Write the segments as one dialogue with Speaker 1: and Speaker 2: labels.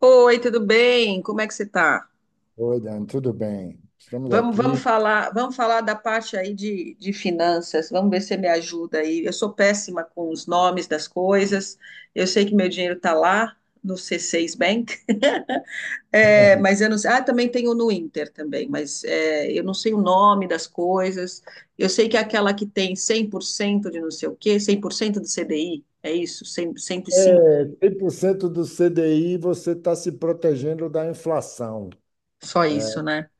Speaker 1: Oi, tudo bem? Como é que você está?
Speaker 2: Oi, Dan, tudo bem? Estamos
Speaker 1: Vamos
Speaker 2: aqui.
Speaker 1: falar, vamos falar da parte aí de finanças. Vamos ver se você me ajuda aí. Eu sou péssima com os nomes das coisas. Eu sei que meu dinheiro está lá no C6 Bank, é, mas eu não sei. Ah, também tenho no Inter também, mas é, eu não sei o nome das coisas. Eu sei que é aquela que tem 100% de não sei o quê, 100% do CDI, é isso? 100, cinco.
Speaker 2: 100% do CDI você está se protegendo da inflação.
Speaker 1: Só isso, né?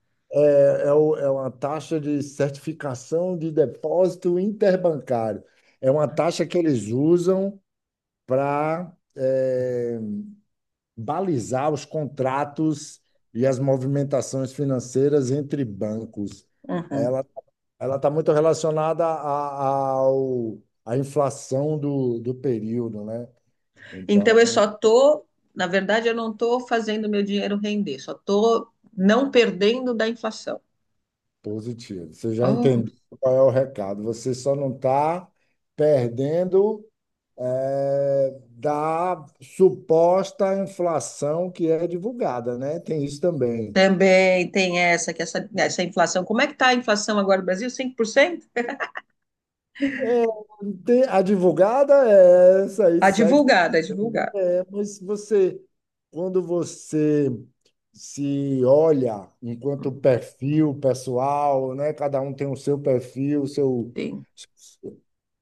Speaker 2: É uma taxa de certificação de depósito interbancário. É uma taxa que eles usam para balizar os contratos e as movimentações financeiras entre bancos.
Speaker 1: Uhum.
Speaker 2: Ela ela está muito relacionada à inflação do período, né?
Speaker 1: Então eu
Speaker 2: Então,
Speaker 1: só tô, na verdade, eu não estou fazendo meu dinheiro render, só estou não perdendo da inflação.
Speaker 2: positivo. Você já
Speaker 1: Oh,
Speaker 2: entendeu qual é o recado. Você só não está perdendo da suposta inflação que é divulgada, né? Tem isso também.
Speaker 1: também tem essa, que essa inflação. Como é que está a inflação agora no Brasil? 5%?
Speaker 2: A divulgada é essa aí,
Speaker 1: A divulgada, a
Speaker 2: 7%. Né?
Speaker 1: divulgada.
Speaker 2: É, mas quando você se olha enquanto perfil pessoal, né? Cada um tem o seu perfil, o seu.
Speaker 1: Sim,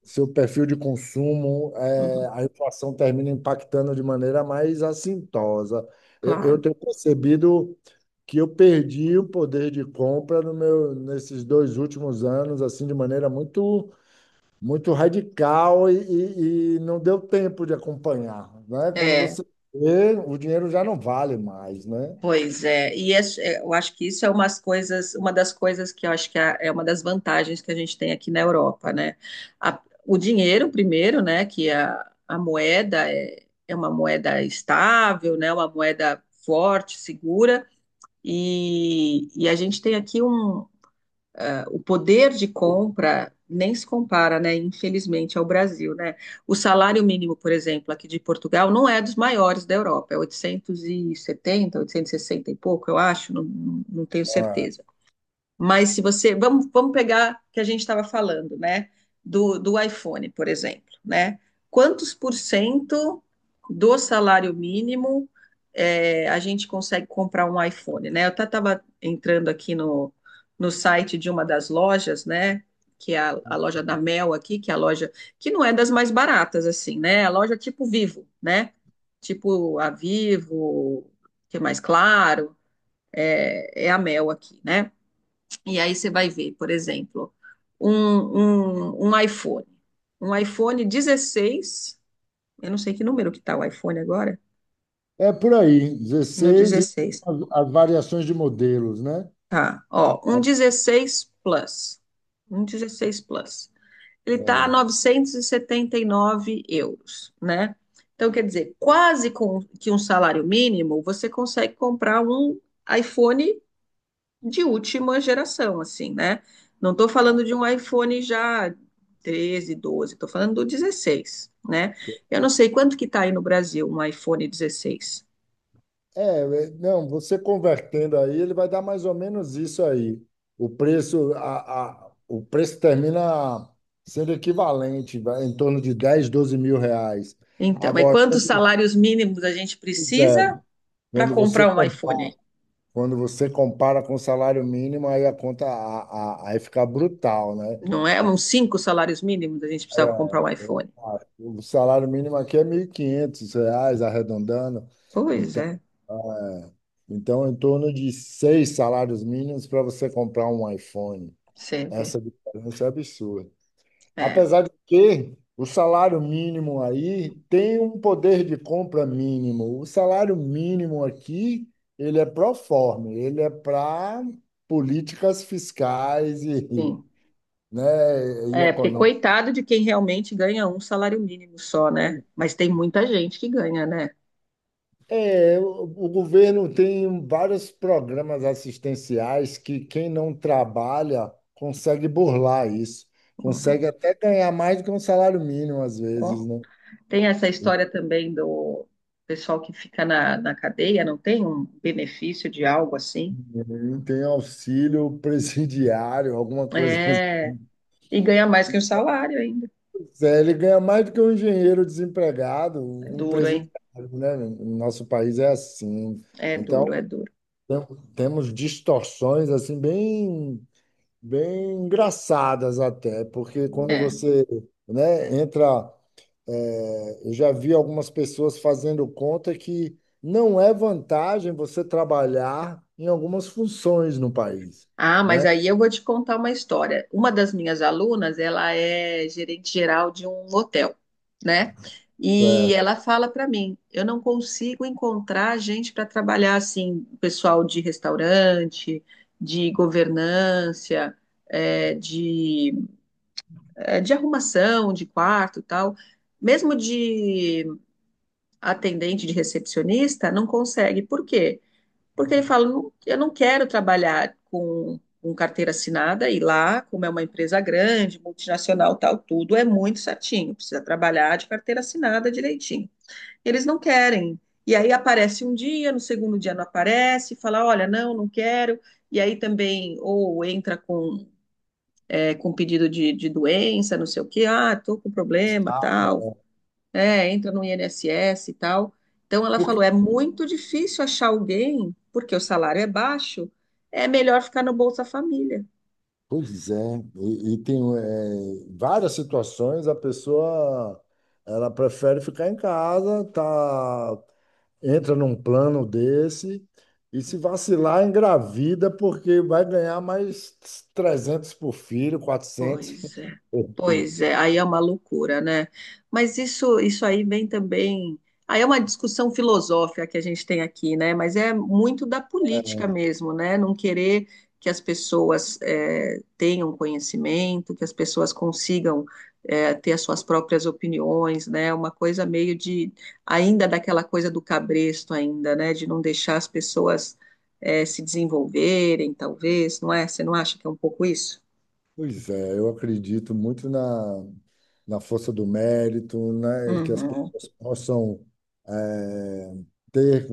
Speaker 2: seu perfil de consumo,
Speaker 1: uhum,
Speaker 2: a inflação termina impactando de maneira mais assintosa. Eu
Speaker 1: claro.
Speaker 2: tenho percebido que eu perdi o poder de compra no meu, nesses 2 últimos anos, assim, de maneira muito, muito radical e não deu tempo de acompanhar, né? Quando
Speaker 1: É,
Speaker 2: você vê, o dinheiro já não vale mais, né?
Speaker 1: pois é, e é, eu acho que isso é umas coisas, uma das coisas que eu acho que é uma das vantagens que a gente tem aqui na Europa, né? A- o dinheiro, primeiro, né? Que é a moeda é, é uma moeda estável, né? Uma moeda forte, segura, e a gente tem aqui um, ah, o poder de compra nem se compara, né, infelizmente, ao Brasil, né? O salário mínimo, por exemplo, aqui de Portugal, não é dos maiores da Europa, é 870, 860 e sessenta e pouco, eu acho, não, não tenho
Speaker 2: É.
Speaker 1: certeza. Mas se você. Vamos pegar o que a gente estava falando, né? Do iPhone, por exemplo, né? Quantos por cento do salário mínimo é, a gente consegue comprar um iPhone, né? Eu até estava entrando aqui no site de uma das lojas, né? Que é a loja da Mel aqui, que é a loja que não é das mais baratas, assim, né? A loja tipo Vivo, né? Tipo a Vivo, que é mais claro, é, é a Mel aqui, né? E aí você vai ver, por exemplo, um iPhone. Um iPhone 16, eu não sei que número que está o iPhone agora,
Speaker 2: É por aí,
Speaker 1: no
Speaker 2: 16 e
Speaker 1: 16.
Speaker 2: as variações de modelos, né?
Speaker 1: Tá, ó, um 16 Plus. Um 16 Plus. Ele está a
Speaker 2: É.
Speaker 1: 979 euros, né? Então, quer dizer, quase com que um salário mínimo, você consegue comprar um iPhone de última geração, assim, né? Não estou falando de um iPhone já 13, 12, estou falando do 16, né? Eu não sei quanto que está aí no Brasil um iPhone 16.
Speaker 2: Não, você convertendo aí, ele vai dar mais ou menos isso aí. O preço, o preço termina sendo equivalente, vai, em torno de 10, 12 mil reais.
Speaker 1: Então, mas
Speaker 2: Agora,
Speaker 1: quantos salários mínimos a gente
Speaker 2: você,
Speaker 1: precisa
Speaker 2: é,
Speaker 1: para
Speaker 2: quando você
Speaker 1: comprar um
Speaker 2: compara,
Speaker 1: iPhone?
Speaker 2: quando você compara com o salário mínimo, aí a conta aí fica brutal, né?
Speaker 1: Não é uns cinco salários mínimos a gente precisa comprar
Speaker 2: Era,
Speaker 1: um iPhone.
Speaker 2: opa, o salário mínimo aqui é 1.500 reais, arredondando.
Speaker 1: Pois
Speaker 2: Então,
Speaker 1: é,
Speaker 2: é, em torno de seis salários mínimos para você comprar um iPhone.
Speaker 1: você vê.
Speaker 2: Essa diferença é absurda.
Speaker 1: É,
Speaker 2: Apesar de que o salário mínimo aí tem um poder de compra mínimo. O salário mínimo aqui, ele é pro forma, ele é para políticas fiscais e,
Speaker 1: sim.
Speaker 2: né, e
Speaker 1: É, porque
Speaker 2: econômicas.
Speaker 1: coitado de quem realmente ganha um salário mínimo só, né? Mas tem muita gente que ganha, né?
Speaker 2: É, o governo tem vários programas assistenciais que quem não trabalha consegue burlar isso, consegue
Speaker 1: Uhum.
Speaker 2: até ganhar mais do que um salário mínimo às vezes, né?
Speaker 1: Tem essa história também do pessoal que fica na cadeia, não tem um benefício de algo assim?
Speaker 2: Tem auxílio presidiário, alguma coisa assim.
Speaker 1: É, e ganha mais que um salário ainda.
Speaker 2: É, ele ganha mais do que um engenheiro desempregado,
Speaker 1: É
Speaker 2: um
Speaker 1: duro, hein?
Speaker 2: presidiário, né? No nosso país é assim.
Speaker 1: É
Speaker 2: Então,
Speaker 1: duro, é duro.
Speaker 2: tem- temos distorções assim bem bem engraçadas até, porque quando
Speaker 1: É.
Speaker 2: você, né, entra, eu já vi algumas pessoas fazendo conta que não é vantagem você trabalhar em algumas funções no país,
Speaker 1: Ah, mas
Speaker 2: né?
Speaker 1: aí eu vou te contar uma história. Uma das minhas alunas, ela é gerente geral de um hotel, né? E ela fala para mim, eu não consigo encontrar gente para trabalhar assim, pessoal de restaurante, de governança é, de eh, de arrumação, de quarto, e tal, mesmo de atendente, de recepcionista, não consegue. Por quê? Porque ele fala, "Não- eu não quero trabalhar com carteira assinada e lá, como é uma empresa grande, multinacional, tal, tudo é muito certinho, precisa trabalhar de carteira assinada direitinho. Eles não querem. E aí aparece um dia, no segundo dia não aparece, fala, olha, não, não quero. E aí também, ou entra com é, com pedido de doença, não sei o quê, ah, tô com problema, tal, é, entra no INSS e tal. Então ela
Speaker 2: Porque,
Speaker 1: falou, é muito difícil achar alguém, porque o salário é baixo, é melhor ficar no Bolsa Família.
Speaker 2: Pois é, e tem várias situações a pessoa ela prefere ficar em casa, tá entra num plano desse e se vacilar, engravida, porque vai ganhar mais 300 por filho, 400.
Speaker 1: Pois é,
Speaker 2: Porque-
Speaker 1: pois é, aí é uma loucura, né? Mas isso aí vem também. Aí é uma discussão filosófica que a gente tem aqui, né? Mas é muito da política mesmo, né? Não querer que as pessoas tenham conhecimento, que as pessoas consigam ter as suas próprias opiniões, né? Uma coisa meio de ainda daquela coisa do cabresto ainda, né? De não deixar as pessoas se desenvolverem, talvez, não é? Você não acha que é um pouco isso?
Speaker 2: Pois é, eu acredito muito na força do mérito, né? Que as
Speaker 1: Uhum.
Speaker 2: pessoas possam eh, ter,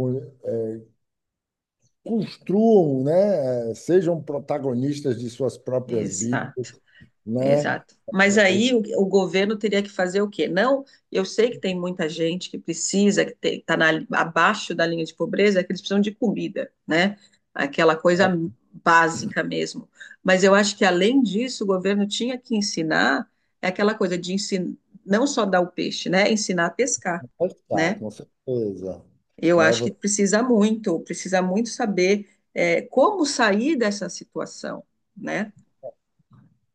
Speaker 2: construam, né? Sejam protagonistas de suas próprias vidas,
Speaker 1: Exato,
Speaker 2: né?
Speaker 1: exato. Mas
Speaker 2: Eh, o-
Speaker 1: aí o governo teria que fazer o quê? Não, eu sei que tem muita gente que precisa, que está abaixo da linha de pobreza, que eles precisam de comida, né? Aquela coisa básica mesmo. Mas eu acho que além disso, o governo tinha que ensinar é aquela coisa de ensinar, não só dar o peixe, né? Ensinar a pescar,
Speaker 2: Tá,
Speaker 1: né?
Speaker 2: com certeza.
Speaker 1: Eu
Speaker 2: Né?
Speaker 1: acho que precisa muito saber é, como sair dessa situação, né?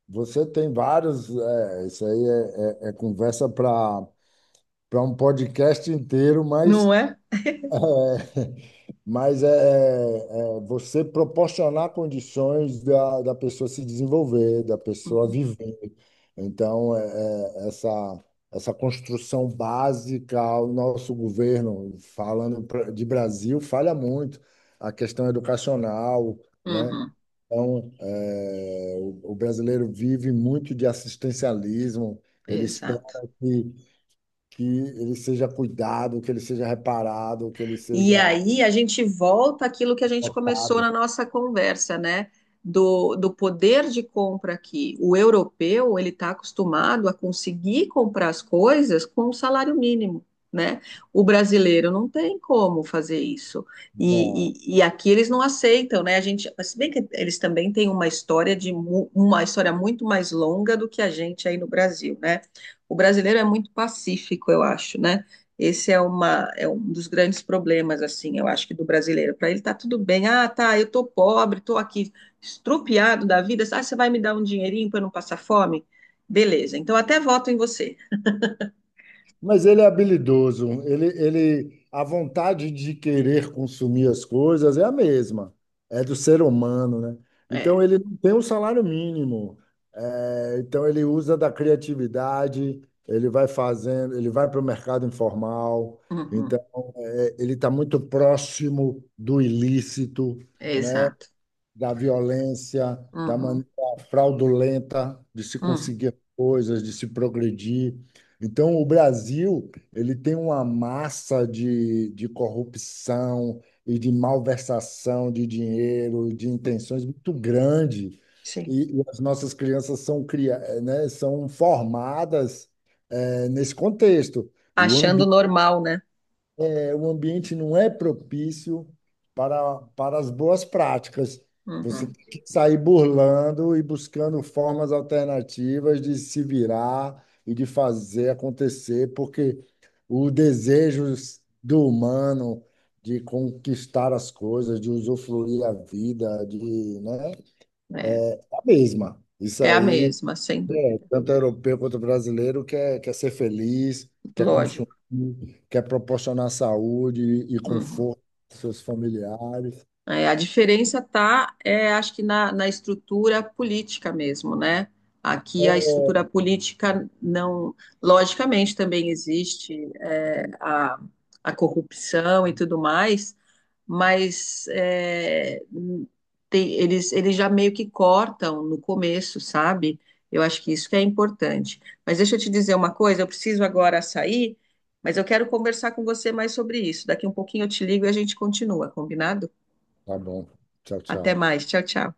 Speaker 2: Você tem isso aí é conversa para um podcast inteiro, mas,
Speaker 1: Não é?
Speaker 2: é, você proporcionar condições da pessoa se desenvolver, da pessoa
Speaker 1: Uhum.
Speaker 2: viver. Então, é, essa, essa construção básica, o nosso governo, falando de Brasil, falha muito. A questão educacional, né?
Speaker 1: Uhum,
Speaker 2: Então, o brasileiro vive muito de assistencialismo, ele espera
Speaker 1: exato.
Speaker 2: que, que ele seja cuidado, que ele seja reparado, que ele seja
Speaker 1: E aí a gente volta àquilo que a gente começou
Speaker 2: tratado.
Speaker 1: na nossa conversa, né? Do poder de compra aqui. O europeu, ele está acostumado a conseguir comprar as coisas com um salário mínimo, né? O brasileiro não tem como fazer isso.
Speaker 2: Não.
Speaker 1: E aqui eles não aceitam, né? A gente, se bem que eles também têm uma história de uma história muito mais longa do que a gente aí no Brasil, né? O brasileiro é muito pacífico, eu acho, né? Esse é, uma, é um dos grandes problemas, assim, eu acho que do brasileiro. Para ele tá tudo bem. Ah, tá, eu tô pobre, tô aqui estrupiado da vida. Ah, você vai me dar um dinheirinho para eu não passar fome? Beleza, então até voto em você.
Speaker 2: Mas ele é habilidoso, a vontade de querer consumir as coisas é a mesma, é do ser humano, né?
Speaker 1: É,
Speaker 2: Então, ele não tem um salário mínimo. É, então, ele usa da criatividade, ele vai fazendo, ele vai para o mercado informal.
Speaker 1: uhum,
Speaker 2: Então ele está muito próximo do ilícito,
Speaker 1: é
Speaker 2: né?
Speaker 1: exato.
Speaker 2: Da violência, da
Speaker 1: Uhum,
Speaker 2: maneira fraudulenta de se
Speaker 1: uhum,
Speaker 2: conseguir coisas, de se progredir. Então, o Brasil, ele tem uma massa de corrupção e de malversação de dinheiro, de intenções muito grande.
Speaker 1: sim.
Speaker 2: E as nossas crianças né, são formadas, nesse contexto. O
Speaker 1: Achando
Speaker 2: ambiente
Speaker 1: normal, né?
Speaker 2: o ambiente não é propício para as boas práticas. Você
Speaker 1: Uhum,
Speaker 2: tem que sair burlando e buscando formas alternativas de se virar e de fazer acontecer, porque o desejo do humano de conquistar as coisas, de usufruir a vida, né,
Speaker 1: é,
Speaker 2: é a mesma. Isso
Speaker 1: é a
Speaker 2: aí
Speaker 1: mesma, sem dúvida.
Speaker 2: tanto europeu quanto brasileiro quer ser feliz, quer consumir,
Speaker 1: Lógico.
Speaker 2: quer proporcionar saúde e
Speaker 1: Uhum.
Speaker 2: conforto aos seus familiares.
Speaker 1: É, a diferença tá, é, acho que na estrutura política mesmo, né?
Speaker 2: É,
Speaker 1: Aqui a
Speaker 2: é.
Speaker 1: estrutura política não, logicamente também existe é, a corrupção e tudo mais, mas é, tem- eles já meio que cortam no começo, sabe? Eu acho que isso que é importante. Mas deixa eu te dizer uma coisa, eu preciso agora sair, mas eu quero conversar com você mais sobre isso. Daqui um pouquinho eu te ligo e a gente continua, combinado?
Speaker 2: Tá bom. Tchau,
Speaker 1: Até
Speaker 2: tchau.
Speaker 1: mais. Tchau, tchau.